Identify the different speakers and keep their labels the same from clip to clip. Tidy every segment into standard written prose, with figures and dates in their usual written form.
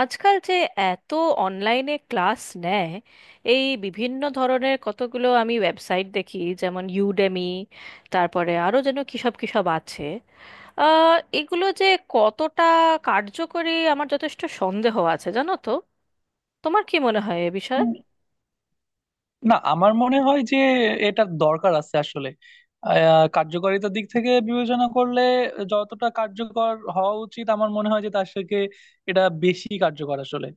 Speaker 1: আজকাল যে এত অনলাইনে ক্লাস নেয়, এই বিভিন্ন ধরনের কতগুলো আমি ওয়েবসাইট দেখি, যেমন ইউডেমি। তারপরে আরও যেন কী সব কী সব আছে। এগুলো যে কতটা কার্যকরী আমার যথেষ্ট সন্দেহ আছে, জানো তো। তোমার কি মনে হয় এ বিষয়ে?
Speaker 2: উম, না, আমার মনে হয় যে এটার দরকার আছে আসলে। কার্যকারিতার দিক থেকে বিবেচনা করলে যতটা কার্যকর হওয়া উচিত আমার মনে হয় যে তার থেকে এটা বেশি কার্যকর আসলে।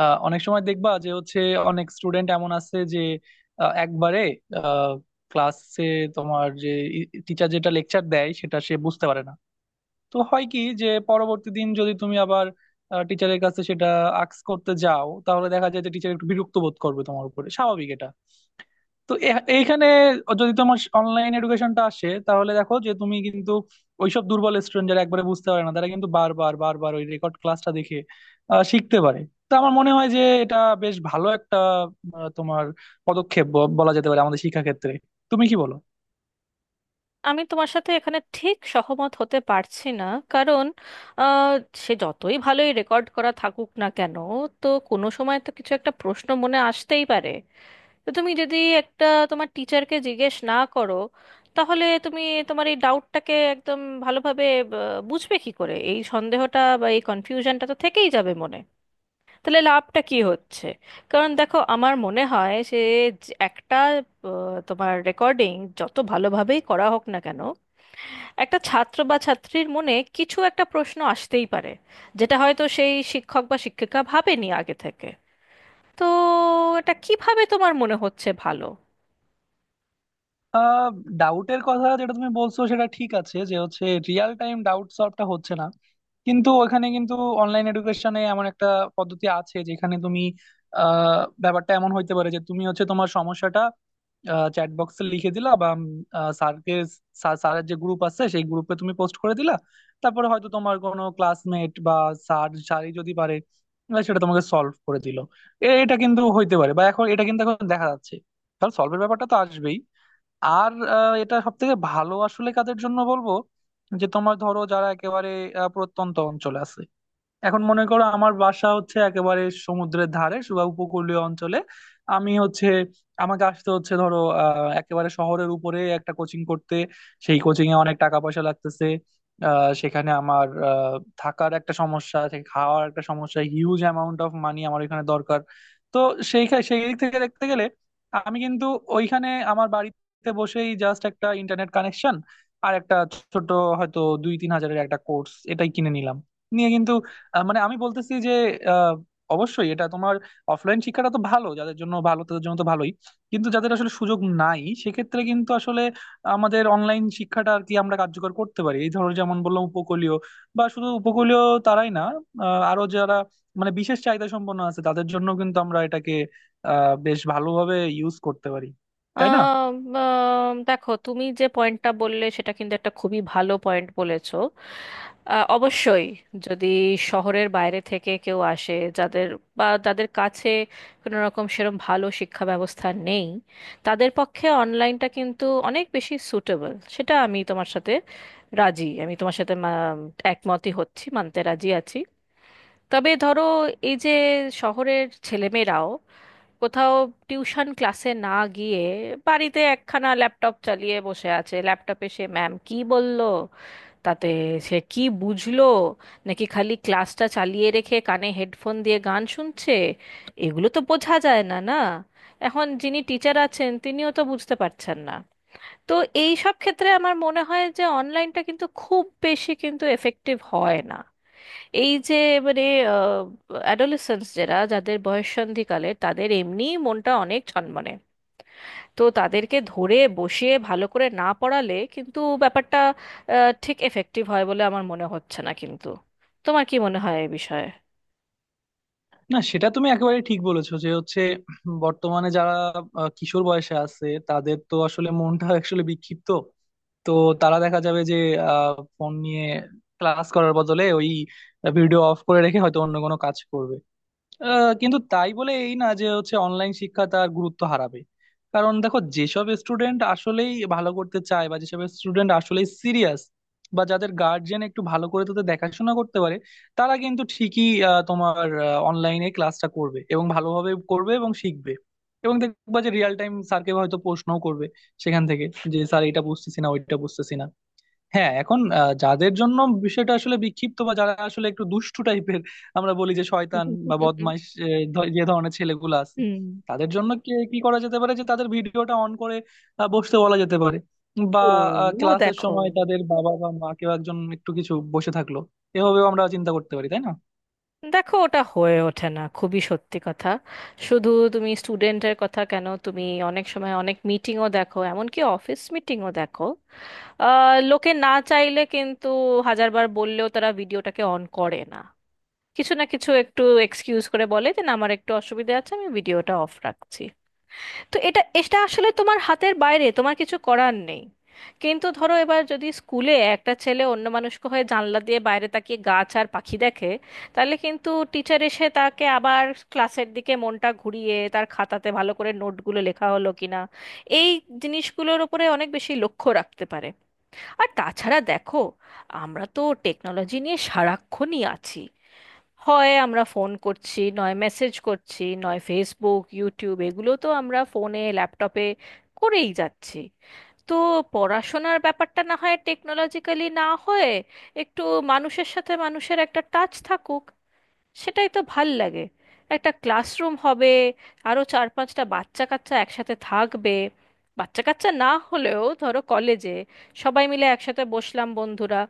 Speaker 2: অনেক সময় দেখবা যে হচ্ছে অনেক স্টুডেন্ট এমন আছে যে একবারে ক্লাসে তোমার যে টিচার যেটা লেকচার দেয় সেটা সে বুঝতে পারে না। তো হয় কি যে পরবর্তী দিন যদি তুমি আবার টিচারের কাছে সেটা আক্স করতে যাও তাহলে দেখা যায় যে টিচার একটু বিরক্ত বোধ করবে তোমার উপরে, স্বাভাবিক এটা। তো এইখানে যদি তোমার অনলাইন এডুকেশনটা আসে তাহলে দেখো যে তুমি কিন্তু ওইসব দুর্বল স্টুডেন্ট যারা একবারে বুঝতে পারে না তারা কিন্তু বারবার বারবার ওই রেকর্ড ক্লাসটা দেখে শিখতে পারে। তো আমার মনে হয় যে এটা বেশ ভালো একটা তোমার পদক্ষেপ বলা যেতে পারে আমাদের শিক্ষা ক্ষেত্রে। তুমি কি বলো?
Speaker 1: আমি তোমার সাথে এখানে ঠিক সহমত হতে পারছি না। কারণ আহ, সে যতই ভালোই রেকর্ড করা থাকুক না কেন, তো কোনো সময় তো কিছু একটা প্রশ্ন মনে আসতেই পারে। তো তুমি যদি একটা তোমার টিচারকে জিজ্ঞেস না করো, তাহলে তুমি তোমার এই ডাউটটাকে একদম ভালোভাবে বুঝবে কি করে? এই সন্দেহটা বা এই কনফিউশনটা তো থেকেই যাবে মনে। তাহলে লাভটা কি হচ্ছে? কারণ দেখো, আমার মনে হয় সে যে একটা তোমার রেকর্ডিং যত ভালোভাবেই করা হোক না কেন, একটা ছাত্র বা ছাত্রীর মনে কিছু একটা প্রশ্ন আসতেই পারে, যেটা হয়তো সেই শিক্ষক বা শিক্ষিকা ভাবেনি আগে থেকে। তো এটা কিভাবে তোমার মনে হচ্ছে ভালো?
Speaker 2: আহ ডাউটের কথা যেটা তুমি বলছো সেটা ঠিক আছে, যে হচ্ছে রিয়েল টাইম ডাউট সলভটা হচ্ছে না। কিন্তু ওখানে কিন্তু অনলাইন এডুকেশনে এমন একটা পদ্ধতি আছে যেখানে তুমি ব্যাপারটা এমন হইতে পারে যে তুমি হচ্ছে তোমার সমস্যাটা চ্যাট বক্সে লিখে দিলা বা স্যারকে, স্যারের যে গ্রুপ আছে সেই গ্রুপে তুমি পোস্ট করে দিলা। তারপরে হয়তো তোমার কোনো ক্লাসমেট বা স্যার, স্যারই যদি পারে সেটা তোমাকে সলভ করে দিল। এটা কিন্তু হইতে পারে, বা এখন এটা কিন্তু এখন দেখা যাচ্ছে। তাহলে সলভের ব্যাপারটা তো আসবেই। আর এটা সব থেকে ভালো আসলে কাদের জন্য বলবো, যে তোমার ধরো যারা একেবারে প্রত্যন্ত অঞ্চলে আছে। এখন মনে করো আমার বাসা হচ্ছে একেবারে সমুদ্রের ধারে বা উপকূলীয় অঞ্চলে, আমি হচ্ছে আমাকে আসতে হচ্ছে ধরো একেবারে শহরের উপরে একটা কোচিং করতে। সেই কোচিং এ অনেক টাকা পয়সা লাগতেছে। সেখানে আমার থাকার একটা সমস্যা আছে, খাওয়ার একটা সমস্যা, হিউজ অ্যামাউন্ট অফ মানি আমার এখানে দরকার। তো সেই দিক থেকে দেখতে গেলে আমি কিন্তু ওইখানে আমার বাড়িতে বসেই জাস্ট একটা ইন্টারনেট কানেকশন আর একটা ছোট হয়তো 2-3 হাজারের একটা কোর্স এটাই কিনে নিলাম নিয়ে কিন্তু মানে আমি বলতেছি যে আহ, অবশ্যই এটা তোমার অফলাইন শিক্ষাটা তো ভালো, যাদের জন্য ভালো তাদের জন্য তো ভালোই। কিন্তু যাদের আসলে সুযোগ নাই সেক্ষেত্রে কিন্তু আসলে আমাদের অনলাইন শিক্ষাটা আর কি আমরা কার্যকর করতে পারি, এই ধরো যেমন বললাম উপকূলীয় বা শুধু উপকূলীয় তারাই না, আরো যারা মানে বিশেষ চাহিদা সম্পন্ন আছে তাদের জন্য কিন্তু আমরা এটাকে বেশ ভালোভাবে ইউজ করতে পারি, তাই না?
Speaker 1: আহ, দেখো, তুমি যে পয়েন্টটা বললে সেটা কিন্তু একটা খুবই ভালো পয়েন্ট বলেছো। অবশ্যই, যদি শহরের বাইরে থেকে কেউ আসে যাদের, বা যাদের কাছে কোনো রকম সেরকম ভালো শিক্ষা ব্যবস্থা নেই, তাদের পক্ষে অনলাইনটা কিন্তু অনেক বেশি সুটেবল। সেটা আমি তোমার সাথে রাজি, আমি তোমার সাথে একমতই হচ্ছি, মানতে রাজি আছি। তবে ধরো এই যে শহরের ছেলেমেয়েরাও কোথাও টিউশন ক্লাসে না গিয়ে বাড়িতে একখানা ল্যাপটপ চালিয়ে বসে আছে, ল্যাপটপে সে ম্যাম কি বলল, তাতে সে কি বুঝলো, নাকি খালি ক্লাসটা চালিয়ে রেখে কানে হেডফোন দিয়ে গান শুনছে, এগুলো তো বোঝা যায় না, না? এখন যিনি টিচার আছেন তিনিও তো বুঝতে পারছেন না। তো এই সব ক্ষেত্রে আমার মনে হয় যে অনলাইনটা কিন্তু খুব বেশি কিন্তু এফেক্টিভ হয় না। এই যে মানে অ্যাডোলেসেন্স যারা, যাদের বয়ঃসন্ধিকালে, তাদের এমনি মনটা অনেক ছনমনে। তো তাদেরকে ধরে বসিয়ে ভালো করে না পড়ালে কিন্তু ব্যাপারটা ঠিক এফেক্টিভ হয় বলে আমার মনে হচ্ছে না কিন্তু। তোমার কি মনে হয় এই বিষয়ে?
Speaker 2: না সেটা তুমি একেবারে ঠিক বলেছো, যে হচ্ছে বর্তমানে যারা কিশোর বয়সে আছে তাদের তো আসলে মনটা আসলে বিক্ষিপ্ত। তো তারা দেখা যাবে যে ফোন নিয়ে ক্লাস করার বদলে ওই ভিডিও অফ করে রেখে হয়তো অন্য কোনো কাজ করবে। কিন্তু তাই বলে এই না যে হচ্ছে অনলাইন শিক্ষা তার গুরুত্ব হারাবে। কারণ দেখো যেসব স্টুডেন্ট আসলেই ভালো করতে চায় বা যেসব স্টুডেন্ট আসলেই সিরিয়াস বা যাদের গার্জিয়ান একটু ভালো করে তাদের দেখাশোনা করতে পারে তারা কিন্তু ঠিকই তোমার অনলাইনে ক্লাসটা করবে এবং ভালোভাবে করবে এবং শিখবে। এবং দেখবা যে রিয়েল টাইম স্যারকে হয়তো প্রশ্নও করবে সেখান থেকে, যে স্যার এটা বুঝতেছি না ওইটা বুঝতেছি না। হ্যাঁ, এখন যাদের জন্য বিষয়টা আসলে বিক্ষিপ্ত বা যারা আসলে একটু দুষ্টু টাইপের, আমরা বলি যে শয়তান বা বদমাইশ যে ধরনের ছেলেগুলো আছে
Speaker 1: হুম।
Speaker 2: তাদের জন্য কি কি করা যেতে পারে, যে তাদের ভিডিওটা অন করে বসতে বলা যেতে পারে। বা
Speaker 1: ও।
Speaker 2: ক্লাসের
Speaker 1: দেখো,
Speaker 2: সময় তাদের বাবা বা মা কেউ একজন একটু কিছু বসে থাকলো। এভাবেও আমরা চিন্তা করতে পারি, তাই না?
Speaker 1: দেখো, ওটা হয়ে ওঠে না, খুবই সত্যি কথা। শুধু তুমি স্টুডেন্টের কথা কেন, তুমি অনেক সময় অনেক মিটিংও দেখো, এমনকি অফিস মিটিংও দেখো, লোকে না চাইলে কিন্তু হাজারবার বললেও তারা ভিডিওটাকে অন করে না। কিছু না কিছু একটু এক্সকিউজ করে বলে যে না, আমার একটু অসুবিধা আছে, আমি ভিডিওটা অফ রাখছি। তো এটা এটা আসলে তোমার হাতের বাইরে, তোমার কিছু করার নেই। কিন্তু ধরো এবার যদি স্কুলে একটা ছেলে অন্য মানুষকে হয়ে জানলা দিয়ে বাইরে তাকিয়ে গাছ আর পাখি দেখে, তাহলে কিন্তু টিচার এসে তাকে আবার ক্লাসের দিকে মনটা ঘুরিয়ে, তার খাতাতে ভালো করে নোটগুলো লেখা হলো কিনা এই জিনিসগুলোর ওপরে অনেক বেশি লক্ষ্য রাখতে পারে। আর তাছাড়া দেখো, আমরা তো টেকনোলজি নিয়ে সারাক্ষণই আছি। হয় আমরা ফোন করছি, নয় মেসেজ করছি, নয় ফেসবুক ইউটিউব এগুলো তো আমরা ফোনে ল্যাপটপে করেই যাচ্ছি। তো পড়াশোনার ব্যাপারটা না হয় টেকনোলজিক্যালি না হয়ে, একটু মানুষের সাথে মানুষের একটা টাচ থাকুক, সেটাই তো ভাল লাগে। একটা ক্লাসরুম হবে, আরও চার পাঁচটা বাচ্চা কাচ্চা একসাথে থাকবে, বাচ্চা কাচ্চা না হলেও ধরো কলেজে সবাই মিলে একসাথে বসলাম বন্ধুরা,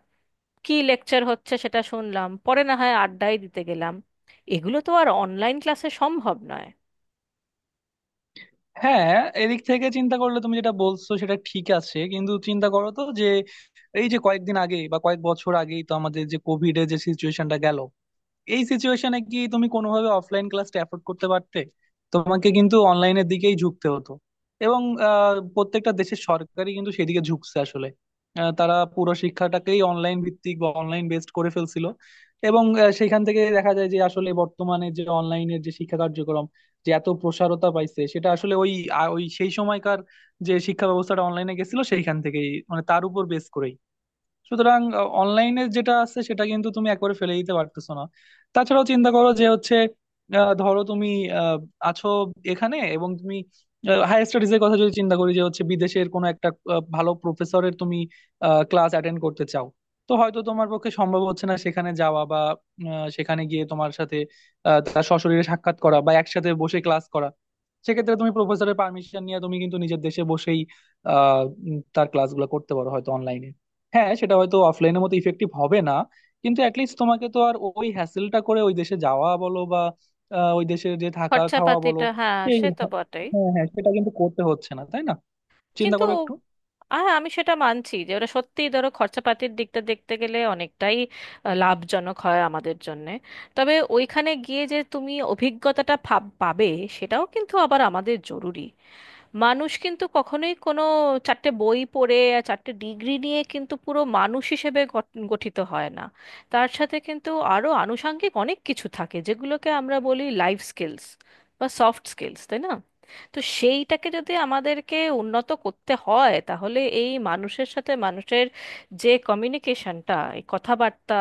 Speaker 1: কি লেকচার হচ্ছে সেটা শুনলাম, পরে না হয় আড্ডাই দিতে গেলাম। এগুলো তো আর অনলাইন ক্লাসে সম্ভব নয়।
Speaker 2: হ্যাঁ, এদিক থেকে চিন্তা করলে তুমি যেটা বলছো সেটা ঠিক আছে, কিন্তু চিন্তা করো তো যে এই যে কয়েকদিন আগে বা কয়েক বছর আগেই তো আমাদের যে কোভিড এর যে সিচুয়েশনটা গেল, এই সিচুয়েশনে কি তুমি কোনোভাবে অফলাইন ক্লাসটা অ্যাফোর্ড করতে পারতে? তোমাকে কিন্তু অনলাইনের দিকেই ঝুঁকতে হতো। এবং প্রত্যেকটা দেশের সরকারই কিন্তু সেদিকে ঝুঁকছে আসলে। তারা পুরো শিক্ষাটাকেই অনলাইন ভিত্তিক বা অনলাইন বেসড করে ফেলছিল। এবং সেখান থেকে দেখা যায় যে আসলে বর্তমানে যে অনলাইনের যে শিক্ষা কার্যক্রম যে এত প্রসারতা পাইছে সেটা আসলে ওই ওই সেই সময়কার যে শিক্ষা ব্যবস্থাটা অনলাইনে গেছিল সেইখান থেকেই, মানে তার উপর বেস করেই। সুতরাং অনলাইনে যেটা আছে সেটা কিন্তু তুমি একবারে ফেলে দিতে পারতেছো না। তাছাড়াও চিন্তা করো যে হচ্ছে ধরো তুমি আহ, আছো এখানে, এবং তুমি হায়ার স্টাডিজ এর কথা যদি চিন্তা করি যে হচ্ছে বিদেশের কোনো একটা ভালো প্রফেসরের তুমি ক্লাস অ্যাটেন্ড করতে চাও। তো হয়তো তোমার পক্ষে সম্ভব হচ্ছে না সেখানে যাওয়া বা সেখানে গিয়ে তোমার সাথে তার সশরীরে সাক্ষাৎ করা বা একসাথে বসে ক্লাস করা। সেক্ষেত্রে তুমি প্রফেসরের পারমিশন নিয়ে তুমি কিন্তু নিজের দেশে বসেই আহ তার ক্লাসগুলো করতে পারো হয়তো অনলাইনে। হ্যাঁ, সেটা হয়তো অফলাইনের মতো ইফেক্টিভ হবে না। কিন্তু অ্যাটলিস্ট তোমাকে তো আর ওই হ্যাসেলটা করে ওই দেশে যাওয়া বলো বা ওই দেশে যে থাকা খাওয়া বলো
Speaker 1: খরচাপাতিটা, হ্যাঁ
Speaker 2: এই।
Speaker 1: সে তো বটেই।
Speaker 2: হ্যাঁ হ্যাঁ, সেটা কিন্তু করতে হচ্ছে না, তাই না? চিন্তা
Speaker 1: কিন্তু
Speaker 2: করো একটু।
Speaker 1: হ্যাঁ আমি সেটা মানছি যে ওরা সত্যিই ধরো খরচাপাতির দিকটা দেখতে গেলে অনেকটাই লাভজনক হয় আমাদের জন্যে। তবে ওইখানে গিয়ে যে তুমি অভিজ্ঞতাটা পাবে সেটাও কিন্তু আবার আমাদের জরুরি। মানুষ কিন্তু কখনোই কোনো চারটে বই পড়ে আর চারটে ডিগ্রি নিয়ে কিন্তু পুরো মানুষ হিসেবে গঠিত হয় না। তার সাথে কিন্তু আরো আনুষাঙ্গিক অনেক কিছু থাকে যেগুলোকে আমরা বলি লাইফ স্কিলস বা সফট স্কিলস, তাই না? তো সেইটাকে যদি আমাদেরকে উন্নত করতে হয়, তাহলে এই মানুষের সাথে মানুষের যে কমিউনিকেশনটা, এই কথাবার্তা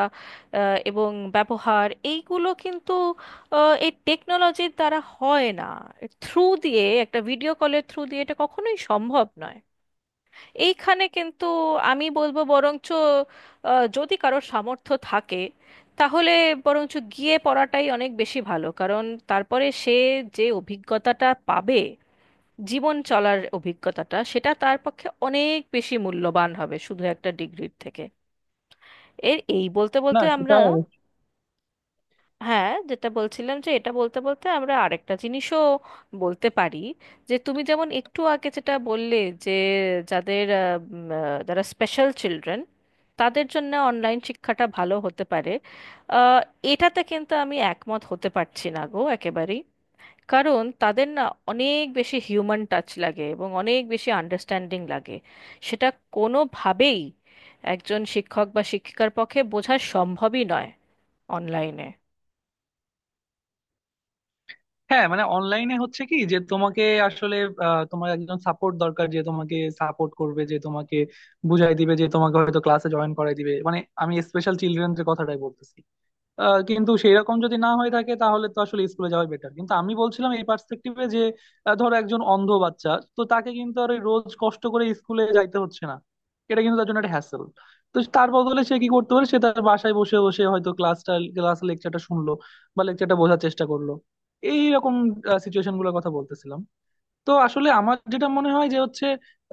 Speaker 1: এবং ব্যবহার, এইগুলো কিন্তু এই টেকনোলজির দ্বারা হয় না। থ্রু দিয়ে, একটা ভিডিও কলের থ্রু দিয়ে এটা কখনোই সম্ভব নয়। এইখানে কিন্তু আমি বলবো, বরঞ্চ যদি কারোর সামর্থ্য থাকে, তাহলে বরঞ্চ গিয়ে পড়াটাই অনেক বেশি ভালো, কারণ তারপরে সে যে অভিজ্ঞতাটা পাবে, জীবন চলার অভিজ্ঞতাটা, সেটা তার পক্ষে অনেক বেশি মূল্যবান হবে শুধু একটা ডিগ্রির থেকে। এর এই বলতে
Speaker 2: না
Speaker 1: বলতে
Speaker 2: সেটা
Speaker 1: আমরা, হ্যাঁ যেটা বলছিলাম, যে এটা বলতে বলতে আমরা আরেকটা জিনিসও বলতে পারি। যে তুমি যেমন একটু আগে যেটা বললে, যে যাদের যারা স্পেশাল চিলড্রেন, তাদের জন্য অনলাইন শিক্ষাটা ভালো হতে পারে। আহ, এটাতে কিন্তু আমি একমত হতে পারছি না গো, একেবারেই। কারণ তাদের না অনেক বেশি হিউম্যান টাচ লাগে এবং অনেক বেশি আন্ডারস্ট্যান্ডিং লাগে। সেটা কোনোভাবেই একজন শিক্ষক বা শিক্ষিকার পক্ষে বোঝা সম্ভবই নয় অনলাইনে।
Speaker 2: হ্যাঁ, মানে অনলাইনে হচ্ছে কি যে তোমাকে আসলে তোমার একজন সাপোর্ট দরকার, যে তোমাকে সাপোর্ট করবে, যে তোমাকে বুঝাই দিবে, যে তোমাকে হয়তো ক্লাসে জয়েন করাই দিবে, মানে আমি স্পেশাল চিলড্রেনদের কথাটাই বলতেছি। কিন্তু সেই রকম যদি না হয়ে থাকে তাহলে তো আসলে স্কুলে যাওয়াই বেটার, কিন্তু আমি বলছিলাম এই পার্সপেক্টিভে যে ধরো একজন অন্ধ বাচ্চা, তো তাকে কিন্তু আর ওই রোজ কষ্ট করে স্কুলে যাইতে হচ্ছে না। এটা কিন্তু তার জন্য একটা হ্যাসেল। তো তার বদলে সে কি করতে পারে, সে তার বাসায় বসে বসে হয়তো ক্লাসটা ক্লাস লেকচারটা শুনলো বা লেকচারটা বোঝার চেষ্টা করলো। এই রকম সিচুয়েশন গুলোর কথা বলতেছিলাম। তো আসলে আমার যেটা মনে হয় যে হচ্ছে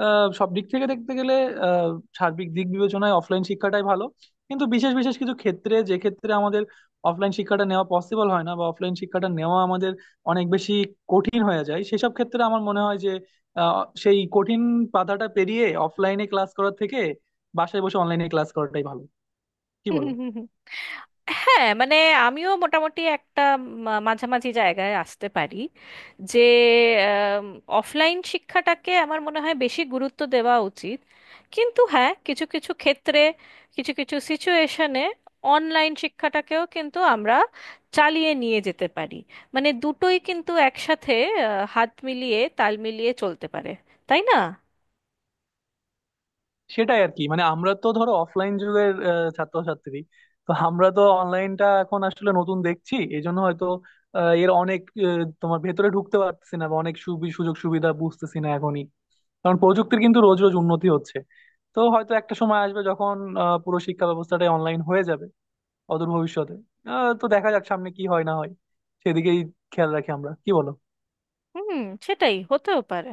Speaker 2: সব দিক থেকে দেখতে গেলে আহ, সার্বিক দিক বিবেচনায় অফলাইন শিক্ষাটাই ভালো। কিন্তু বিশেষ বিশেষ কিছু ক্ষেত্রে, যে ক্ষেত্রে আমাদের অফলাইন শিক্ষাটা নেওয়া পসিবল হয় না বা অফলাইন শিক্ষাটা নেওয়া আমাদের অনেক বেশি কঠিন হয়ে যায়, সেসব ক্ষেত্রে আমার মনে হয় যে সেই কঠিন বাধাটা পেরিয়ে অফলাইনে ক্লাস করার থেকে বাসায় বসে অনলাইনে ক্লাস করাটাই ভালো। কি বলো?
Speaker 1: হ্যাঁ মানে আমিও মোটামুটি একটা মাঝামাঝি জায়গায় আসতে পারি। যে অফলাইন শিক্ষাটাকে আমার মনে হয় বেশি গুরুত্ব দেওয়া উচিত, কিন্তু হ্যাঁ কিছু কিছু ক্ষেত্রে, কিছু কিছু সিচুয়েশনে অনলাইন শিক্ষাটাকেও কিন্তু আমরা চালিয়ে নিয়ে যেতে পারি। মানে দুটোই কিন্তু একসাথে হাত মিলিয়ে তাল মিলিয়ে চলতে পারে, তাই না?
Speaker 2: সেটাই আর কি, মানে আমরা তো ধরো অফলাইন যুগের ছাত্রছাত্রী। তো আমরা তো অনলাইনটা এখন আসলে নতুন দেখছি, এই জন্য হয়তো এর অনেক তোমার ভেতরে ঢুকতে পারতেছি না বা অনেক সুযোগ সুবিধা বুঝতেছি না এখনই। কারণ প্রযুক্তির কিন্তু রোজ রোজ উন্নতি হচ্ছে। তো হয়তো একটা সময় আসবে যখন পুরো শিক্ষা ব্যবস্থাটাই অনলাইন হয়ে যাবে অদূর ভবিষ্যতে। তো দেখা যাক সামনে কি হয় না হয়, সেদিকেই খেয়াল রাখি আমরা, কি বলো?
Speaker 1: হুম। সেটাই হতেও পারে।